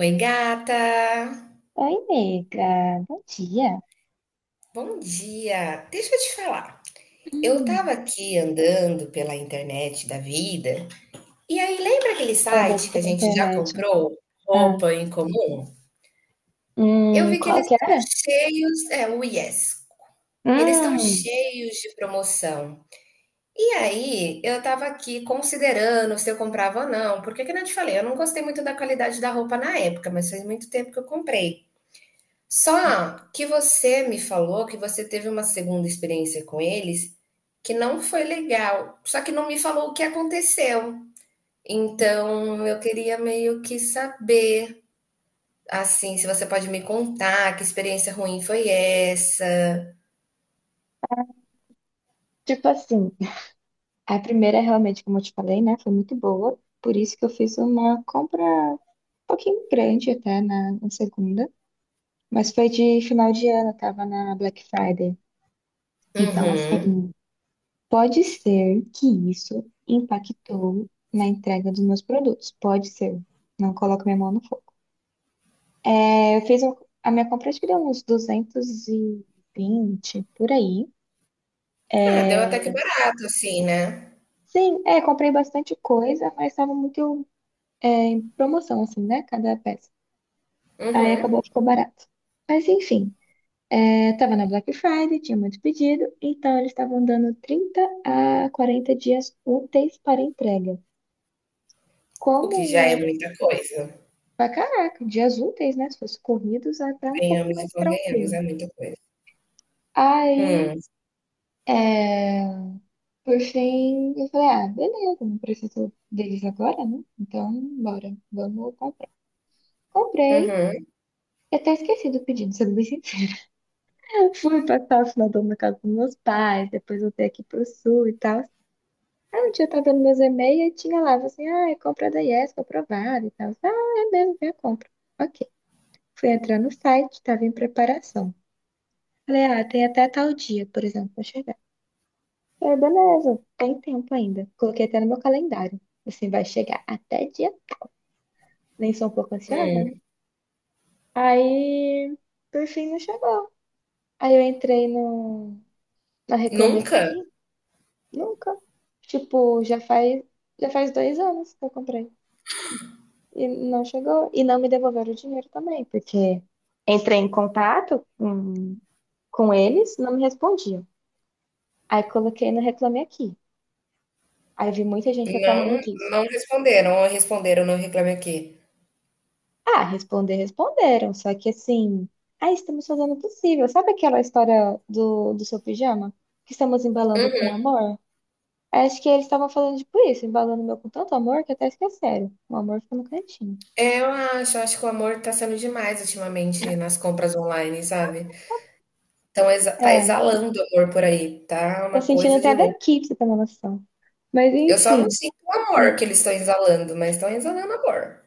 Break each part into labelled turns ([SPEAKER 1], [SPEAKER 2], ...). [SPEAKER 1] Oi, gata!
[SPEAKER 2] Oi, nega. Bom dia.
[SPEAKER 1] Bom dia! Deixa eu te falar. Eu
[SPEAKER 2] Hum.
[SPEAKER 1] tava aqui andando pela internet da vida, e aí lembra aquele
[SPEAKER 2] Andando
[SPEAKER 1] site que a
[SPEAKER 2] pela
[SPEAKER 1] gente já
[SPEAKER 2] internet.
[SPEAKER 1] comprou
[SPEAKER 2] Ah.
[SPEAKER 1] roupa em comum? Eu vi que
[SPEAKER 2] Qual
[SPEAKER 1] eles
[SPEAKER 2] que
[SPEAKER 1] estão
[SPEAKER 2] era?
[SPEAKER 1] cheios, é o Yes. Eles estão
[SPEAKER 2] Hum,
[SPEAKER 1] cheios de promoção. E aí, eu tava aqui considerando se eu comprava ou não, porque que eu não te falei, eu não gostei muito da qualidade da roupa na época, mas faz muito tempo que eu comprei. Só que você me falou que você teve uma segunda experiência com eles que não foi legal, só que não me falou o que aconteceu. Então, eu queria meio que saber, assim, se você pode me contar que experiência ruim foi essa.
[SPEAKER 2] tipo assim, a primeira é realmente, como eu te falei, né, foi muito boa. Por isso que eu fiz uma compra um pouquinho grande até na segunda. Mas foi de final de ano, tava na Black Friday. Então, assim,
[SPEAKER 1] Uhum.
[SPEAKER 2] pode ser que isso impactou na entrega dos meus produtos. Pode ser. Não coloco minha mão no fogo. É, eu fiz a minha compra, acho que deu uns 220 por aí.
[SPEAKER 1] Ah, deu até que barato, assim, né?
[SPEAKER 2] Sim, é, comprei bastante coisa, mas estava muito em promoção, assim, né? Cada peça. Aí
[SPEAKER 1] Uhum.
[SPEAKER 2] acabou, ficou barato. Mas enfim, tava na Black Friday, tinha muito pedido, então eles estavam dando 30 a 40 dias úteis para entrega.
[SPEAKER 1] O que já é
[SPEAKER 2] Como,
[SPEAKER 1] muita coisa.
[SPEAKER 2] pra caraca, dias úteis, né? Se fosse corridos, é até um pouco
[SPEAKER 1] Ganhamos e
[SPEAKER 2] mais
[SPEAKER 1] convenhamos,
[SPEAKER 2] tranquilo.
[SPEAKER 1] é muita coisa.
[SPEAKER 2] Aí,
[SPEAKER 1] Hum.
[SPEAKER 2] é, por fim, eu falei, ah, beleza, não preciso deles agora, né? Então, bora, vamos comprar. Comprei,
[SPEAKER 1] Uhum.
[SPEAKER 2] eu até esqueci do pedido, sendo bem sincera. Fui passar o final do ano na casa dos meus pais, depois voltei aqui pro sul e tal. Aí um dia eu tava dando meus e-mails e tinha lá, assim, ah, é compra da Yes, aprovada e tal. Ah, é mesmo, vem a compra. Ok. Fui entrar no site, tava em preparação. Falei, ah, tem até tal dia, por exemplo, pra chegar. Falei, beleza, tem tempo ainda. Coloquei até no meu calendário. Assim, vai chegar até dia nem sou um pouco ansiosa,
[SPEAKER 1] Hum.
[SPEAKER 2] né? Aí, por fim, não chegou. Aí eu entrei na Reclame
[SPEAKER 1] Nunca?
[SPEAKER 2] Aqui, nunca. Tipo, já faz 2 anos que eu comprei. E não chegou. E não me devolveram o dinheiro também, porque entrei em contato com eles, não me respondiam. Aí coloquei no Reclame Aqui. Aí vi muita gente reclamando
[SPEAKER 1] Não,
[SPEAKER 2] disso.
[SPEAKER 1] não responderam. Ou responderam no Reclame Aqui.
[SPEAKER 2] Ah, responder, responderam. Só que assim, ah, estamos fazendo o possível. Sabe aquela história do seu pijama? Que estamos embalando com amor? Acho que eles estavam falando tipo isso, embalando o meu com tanto amor que até esqueceram. O amor ficou no cantinho.
[SPEAKER 1] Eu acho que o amor tá sendo demais ultimamente nas compras online, sabe? Então tá
[SPEAKER 2] É,
[SPEAKER 1] exalando amor por aí, tá
[SPEAKER 2] tô
[SPEAKER 1] uma
[SPEAKER 2] sentindo
[SPEAKER 1] coisa de
[SPEAKER 2] até
[SPEAKER 1] louco.
[SPEAKER 2] daqui, pra você ter uma noção. Mas
[SPEAKER 1] Eu só não
[SPEAKER 2] enfim.
[SPEAKER 1] sinto o amor
[SPEAKER 2] hum,
[SPEAKER 1] que eles estão exalando, mas estão exalando amor.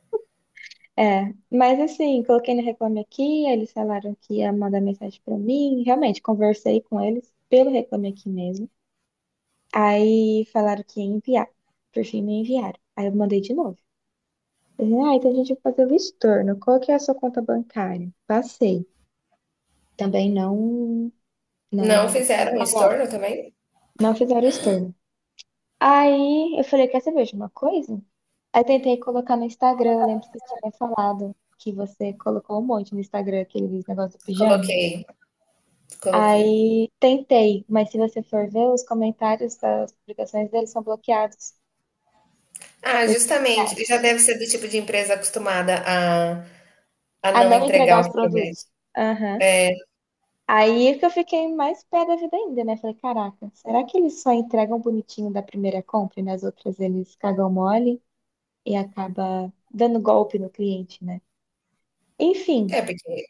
[SPEAKER 2] É, mas assim, coloquei no Reclame Aqui, eles falaram que ia mandar mensagem pra mim. Realmente, conversei com eles pelo Reclame Aqui mesmo. Aí falaram que ia enviar. Por fim, não enviaram. Aí eu mandei de novo. Eu falei, ah, então a gente vai fazer o estorno. Qual que é a sua conta bancária? Passei. Também
[SPEAKER 1] Não
[SPEAKER 2] não
[SPEAKER 1] fizeram um
[SPEAKER 2] pagaram.
[SPEAKER 1] estorno também?
[SPEAKER 2] Não fizeram estorno. Aí eu falei, quer saber de uma coisa? Aí tentei colocar no Instagram. Eu lembro que você tinha falado que você colocou um monte no Instagram, aquele negócio do pijama.
[SPEAKER 1] Coloquei, coloquei.
[SPEAKER 2] Aí tentei, mas se você for ver, os comentários das publicações deles são bloqueados.
[SPEAKER 1] Ah,
[SPEAKER 2] Por que
[SPEAKER 1] justamente, ele já deve ser do tipo de empresa acostumada a
[SPEAKER 2] a
[SPEAKER 1] não
[SPEAKER 2] não entregar
[SPEAKER 1] entregar
[SPEAKER 2] os
[SPEAKER 1] o que promete.
[SPEAKER 2] produtos. Aham. Aí é que eu fiquei mais pé da vida ainda, né? Falei, caraca, será que eles só entregam bonitinho da primeira compra e nas outras eles cagam mole e acaba dando golpe no cliente, né? Enfim,
[SPEAKER 1] É, porque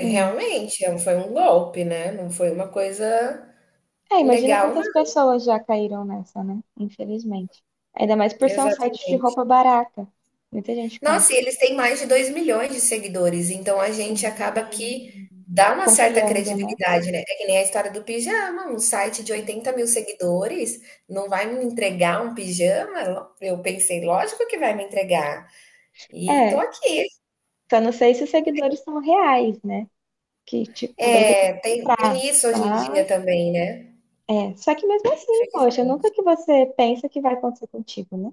[SPEAKER 2] hum.
[SPEAKER 1] foi um golpe, né? Não foi uma coisa
[SPEAKER 2] É, imagina
[SPEAKER 1] legal, não.
[SPEAKER 2] quantas pessoas já caíram nessa, né? Infelizmente. Ainda mais por ser um site de
[SPEAKER 1] Exatamente.
[SPEAKER 2] roupa barata. Muita gente compra,
[SPEAKER 1] Nossa, e eles têm mais de 2 milhões de seguidores, então a gente acaba que
[SPEAKER 2] sim,
[SPEAKER 1] dá uma certa
[SPEAKER 2] confiando, né?
[SPEAKER 1] credibilidade, né? É que nem a história do pijama, um site de 80 mil seguidores não vai me entregar um pijama? Eu pensei, lógico que vai me entregar. E tô
[SPEAKER 2] É,
[SPEAKER 1] aqui.
[SPEAKER 2] só não sei se os seguidores são reais, né? Que tipo, também tem que
[SPEAKER 1] É, tem,
[SPEAKER 2] comprar.
[SPEAKER 1] tem isso hoje em dia
[SPEAKER 2] Mas,
[SPEAKER 1] também, né?
[SPEAKER 2] Só que mesmo assim, poxa, nunca
[SPEAKER 1] Infelizmente.
[SPEAKER 2] que você pensa que vai acontecer contigo, né?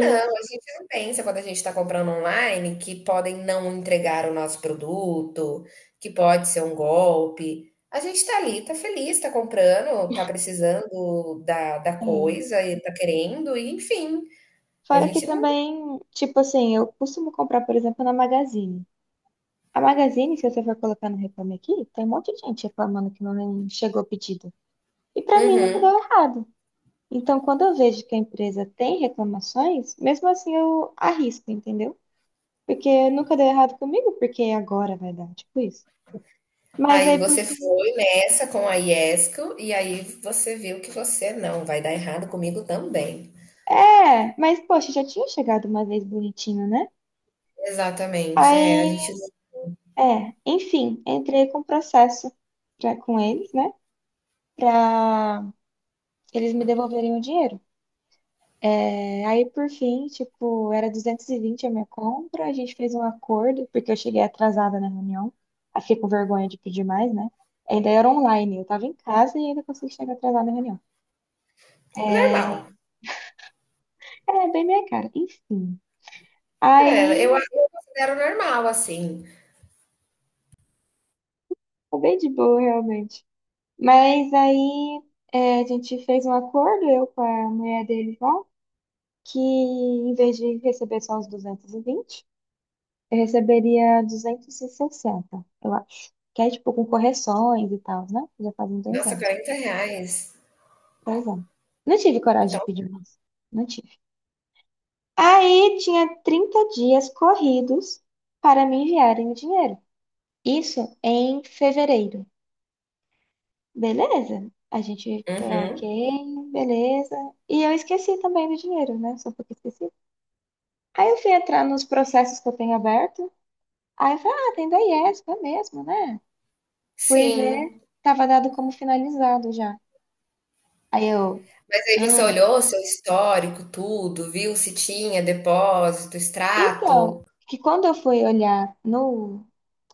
[SPEAKER 1] Não, a gente não pensa quando a gente está comprando online que podem não entregar o nosso produto, que pode ser um golpe. A gente está ali, está feliz, está comprando, está precisando da coisa e está querendo, e enfim. A
[SPEAKER 2] Fora que
[SPEAKER 1] gente não.
[SPEAKER 2] também, tipo assim, eu costumo comprar, por exemplo, na Magazine. A Magazine, se você for colocar no Reclame Aqui, tem um monte de gente reclamando que não chegou o pedido. E pra mim nunca
[SPEAKER 1] Uhum.
[SPEAKER 2] deu errado. Então, quando eu vejo que a empresa tem reclamações, mesmo assim eu arrisco, entendeu? Porque nunca deu errado comigo, porque agora vai dar, tipo isso. Mas
[SPEAKER 1] Aí
[SPEAKER 2] aí, por
[SPEAKER 1] você
[SPEAKER 2] fim
[SPEAKER 1] foi nessa com a Iesco e aí você viu que você não vai dar errado comigo também.
[SPEAKER 2] É, mas poxa, já tinha chegado uma vez bonitinho, né?
[SPEAKER 1] Exatamente, é, a
[SPEAKER 2] Aí,
[SPEAKER 1] gente.
[SPEAKER 2] enfim, entrei com processo com eles, né? Pra eles me devolverem o dinheiro. É, aí, por fim, tipo, era 220 a minha compra, a gente fez um acordo, porque eu cheguei atrasada na reunião. Aí fiquei com vergonha de pedir mais, né? Ainda era online, eu tava em casa e ainda consegui chegar atrasada na reunião.
[SPEAKER 1] Normal.
[SPEAKER 2] É, bem minha cara, enfim.
[SPEAKER 1] É, eu,
[SPEAKER 2] Aí,
[SPEAKER 1] eu considero normal, assim.
[SPEAKER 2] foi bem de boa, realmente. Mas aí a gente fez um acordo, eu com a mulher dele lá, que em vez de receber só os 220, eu receberia 260, eu acho. Que é tipo com correções e tal, né? Já fazem dois
[SPEAKER 1] Nossa,
[SPEAKER 2] anos.
[SPEAKER 1] 40 reais.
[SPEAKER 2] 2 anos. Não tive coragem
[SPEAKER 1] Então
[SPEAKER 2] de pedir mais. Não tive. Aí tinha 30 dias corridos para me enviarem o dinheiro. Isso em fevereiro. Beleza. A gente, tá,
[SPEAKER 1] uhum.
[SPEAKER 2] ok, beleza. E eu esqueci também do dinheiro, né? Só porque esqueci. Aí eu fui entrar nos processos que eu tenho aberto. Aí eu falei, ah, tem da IESP, é mesmo, né? Fui ver,
[SPEAKER 1] Sim.
[SPEAKER 2] tava dado como finalizado já. Aí eu,
[SPEAKER 1] Mas aí você
[SPEAKER 2] hum.
[SPEAKER 1] olhou o seu histórico, tudo, viu se tinha depósito, extrato?
[SPEAKER 2] Então, que quando eu fui olhar no,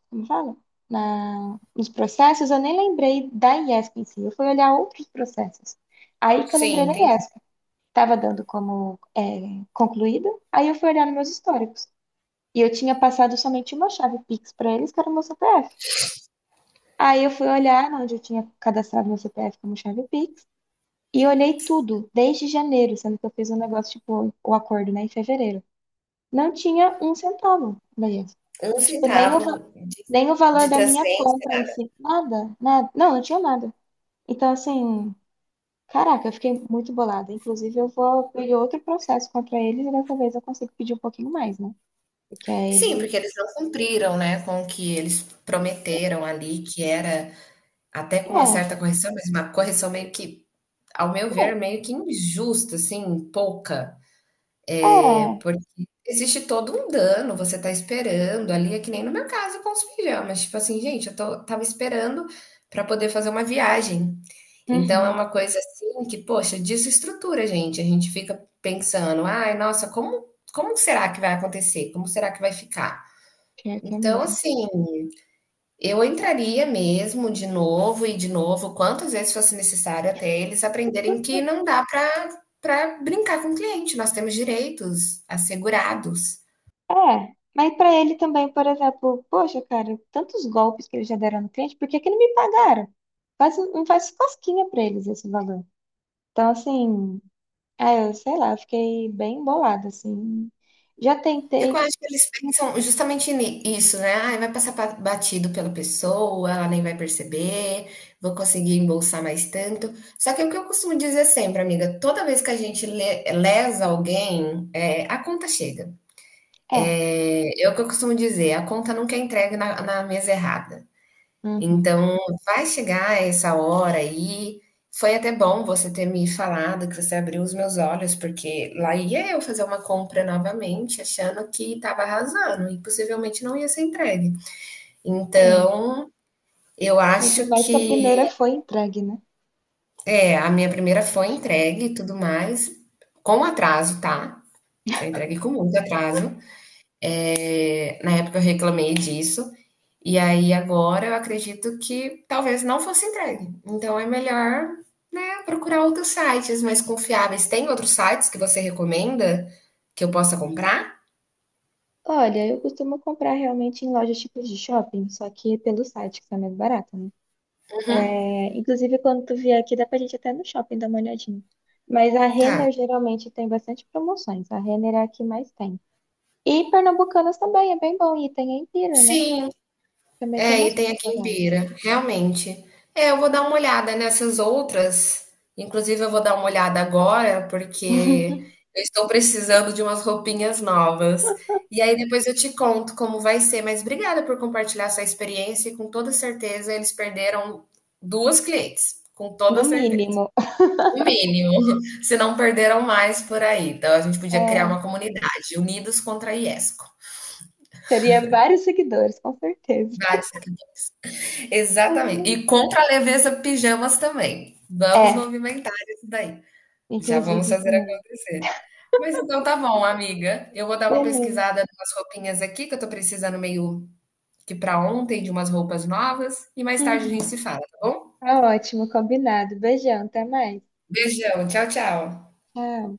[SPEAKER 2] como fala? Nos processos, eu nem lembrei da IESP em si. Eu fui olhar outros processos. Aí que eu
[SPEAKER 1] Sim,
[SPEAKER 2] lembrei da
[SPEAKER 1] entendi.
[SPEAKER 2] IESP. Tava dando como concluída. Aí eu fui olhar nos meus históricos. E eu tinha passado somente uma chave Pix para eles, que era o meu CPF. Aí eu fui olhar onde eu tinha cadastrado meu CPF como chave Pix. E olhei tudo, desde janeiro, sendo que eu fiz um negócio, tipo, o acordo, né, em fevereiro. Não tinha um centavo, beleza.
[SPEAKER 1] 1
[SPEAKER 2] Tipo,
[SPEAKER 1] centavo de
[SPEAKER 2] nem o valor
[SPEAKER 1] de
[SPEAKER 2] da minha
[SPEAKER 1] transferência,
[SPEAKER 2] compra em
[SPEAKER 1] nada.
[SPEAKER 2] si, nada, nada. Não tinha nada. Então, assim, caraca, eu fiquei muito bolada. Inclusive, eu vou pedir outro processo contra eles e dessa vez eu consigo pedir um pouquinho mais, né? Porque aí
[SPEAKER 1] Sim,
[SPEAKER 2] eles.
[SPEAKER 1] porque eles não cumpriram, né, com o que eles prometeram ali, que era até com uma
[SPEAKER 2] É,
[SPEAKER 1] certa correção, mas uma correção meio que, ao meu
[SPEAKER 2] é,
[SPEAKER 1] ver, meio que injusta, assim, pouca.
[SPEAKER 2] é.
[SPEAKER 1] Porque existe todo um dano, você tá esperando ali, é que nem no meu caso com os pijamas, tipo assim, gente, eu tô, tava esperando para poder fazer uma viagem. Então é
[SPEAKER 2] Uhum.
[SPEAKER 1] uma coisa assim que, poxa, desestrutura, gente. A gente fica pensando, ai, nossa, como será que vai acontecer? Como será que vai ficar?
[SPEAKER 2] Pior que é
[SPEAKER 1] Então,
[SPEAKER 2] mesmo.
[SPEAKER 1] assim, eu entraria mesmo de novo e de novo, quantas vezes fosse necessário até eles aprenderem que não dá para brincar com o cliente, nós temos direitos assegurados.
[SPEAKER 2] É. Mas pra ele também, por exemplo, poxa, cara, tantos golpes que eles já deram no cliente, por que que não me pagaram? Não faz cosquinha pra eles esse valor. Então, assim, eu sei lá, eu fiquei bem bolada, assim. Já
[SPEAKER 1] É que eu
[SPEAKER 2] tentei.
[SPEAKER 1] acho que eles pensam justamente nisso, né? Ai, vai passar batido pela pessoa, ela nem vai perceber, vou conseguir embolsar mais tanto. Só que é o que eu costumo dizer sempre, amiga, toda vez que a gente lesa alguém, é, a conta chega.
[SPEAKER 2] É.
[SPEAKER 1] É, é o que eu costumo dizer, a conta nunca é entregue na mesa errada.
[SPEAKER 2] Uhum.
[SPEAKER 1] Então, vai chegar essa hora aí. Foi até bom você ter me falado, que você abriu os meus olhos, porque lá ia eu fazer uma compra novamente, achando que estava arrasando e possivelmente não ia ser entregue.
[SPEAKER 2] É.
[SPEAKER 1] Então, eu
[SPEAKER 2] Ainda
[SPEAKER 1] acho
[SPEAKER 2] mais que a
[SPEAKER 1] que
[SPEAKER 2] primeira foi entregue, né?
[SPEAKER 1] é, a minha primeira foi entregue e tudo mais, com atraso, tá? Foi entregue com muito atraso. É, na época eu reclamei disso. E aí agora eu acredito que talvez não fosse entregue. Então é melhor, né, procurar outros sites mais confiáveis. Tem outros sites que você recomenda que eu possa comprar?
[SPEAKER 2] Olha, eu costumo comprar realmente em lojas tipo de shopping, só que pelo site, que tá mais barato, né?
[SPEAKER 1] Uhum.
[SPEAKER 2] É, inclusive, quando tu vier aqui, dá pra gente até no shopping dar uma olhadinha. Mas a
[SPEAKER 1] Tá.
[SPEAKER 2] Renner geralmente tem bastante promoções. A Renner é a que mais tem. E Pernambucanas também, é bem bom. E tem a Empira, né?
[SPEAKER 1] Sim,
[SPEAKER 2] Também tem
[SPEAKER 1] é,
[SPEAKER 2] umas
[SPEAKER 1] e tem
[SPEAKER 2] roupas
[SPEAKER 1] aqui em
[SPEAKER 2] legais.
[SPEAKER 1] Pira, realmente. É, eu vou dar uma olhada nessas outras. Inclusive, eu vou dar uma olhada agora, porque eu estou precisando de umas roupinhas novas. E aí depois eu te conto como vai ser. Mas obrigada por compartilhar sua experiência. E com toda certeza, eles perderam duas clientes. Com
[SPEAKER 2] No
[SPEAKER 1] toda certeza.
[SPEAKER 2] mínimo.
[SPEAKER 1] O mínimo. Se não perderam mais por aí. Então, a gente podia criar
[SPEAKER 2] É,
[SPEAKER 1] uma comunidade, Unidos contra a Iesco.
[SPEAKER 2] teria vários seguidores, com certeza.
[SPEAKER 1] Dá exatamente. E contra a leveza pijamas também. Vamos
[SPEAKER 2] É,
[SPEAKER 1] movimentar isso daí. Já vamos
[SPEAKER 2] inclusive
[SPEAKER 1] fazer
[SPEAKER 2] também.
[SPEAKER 1] acontecer. Mas então tá bom, amiga. Eu vou dar uma
[SPEAKER 2] Beleza.
[SPEAKER 1] pesquisada nas roupinhas aqui, que eu tô precisando meio que para ontem de umas roupas novas. E mais tarde a gente
[SPEAKER 2] Uhum.
[SPEAKER 1] se fala, tá bom?
[SPEAKER 2] Tá ótimo, combinado. Beijão, até mais.
[SPEAKER 1] Beijão, tchau, tchau.
[SPEAKER 2] Tchau.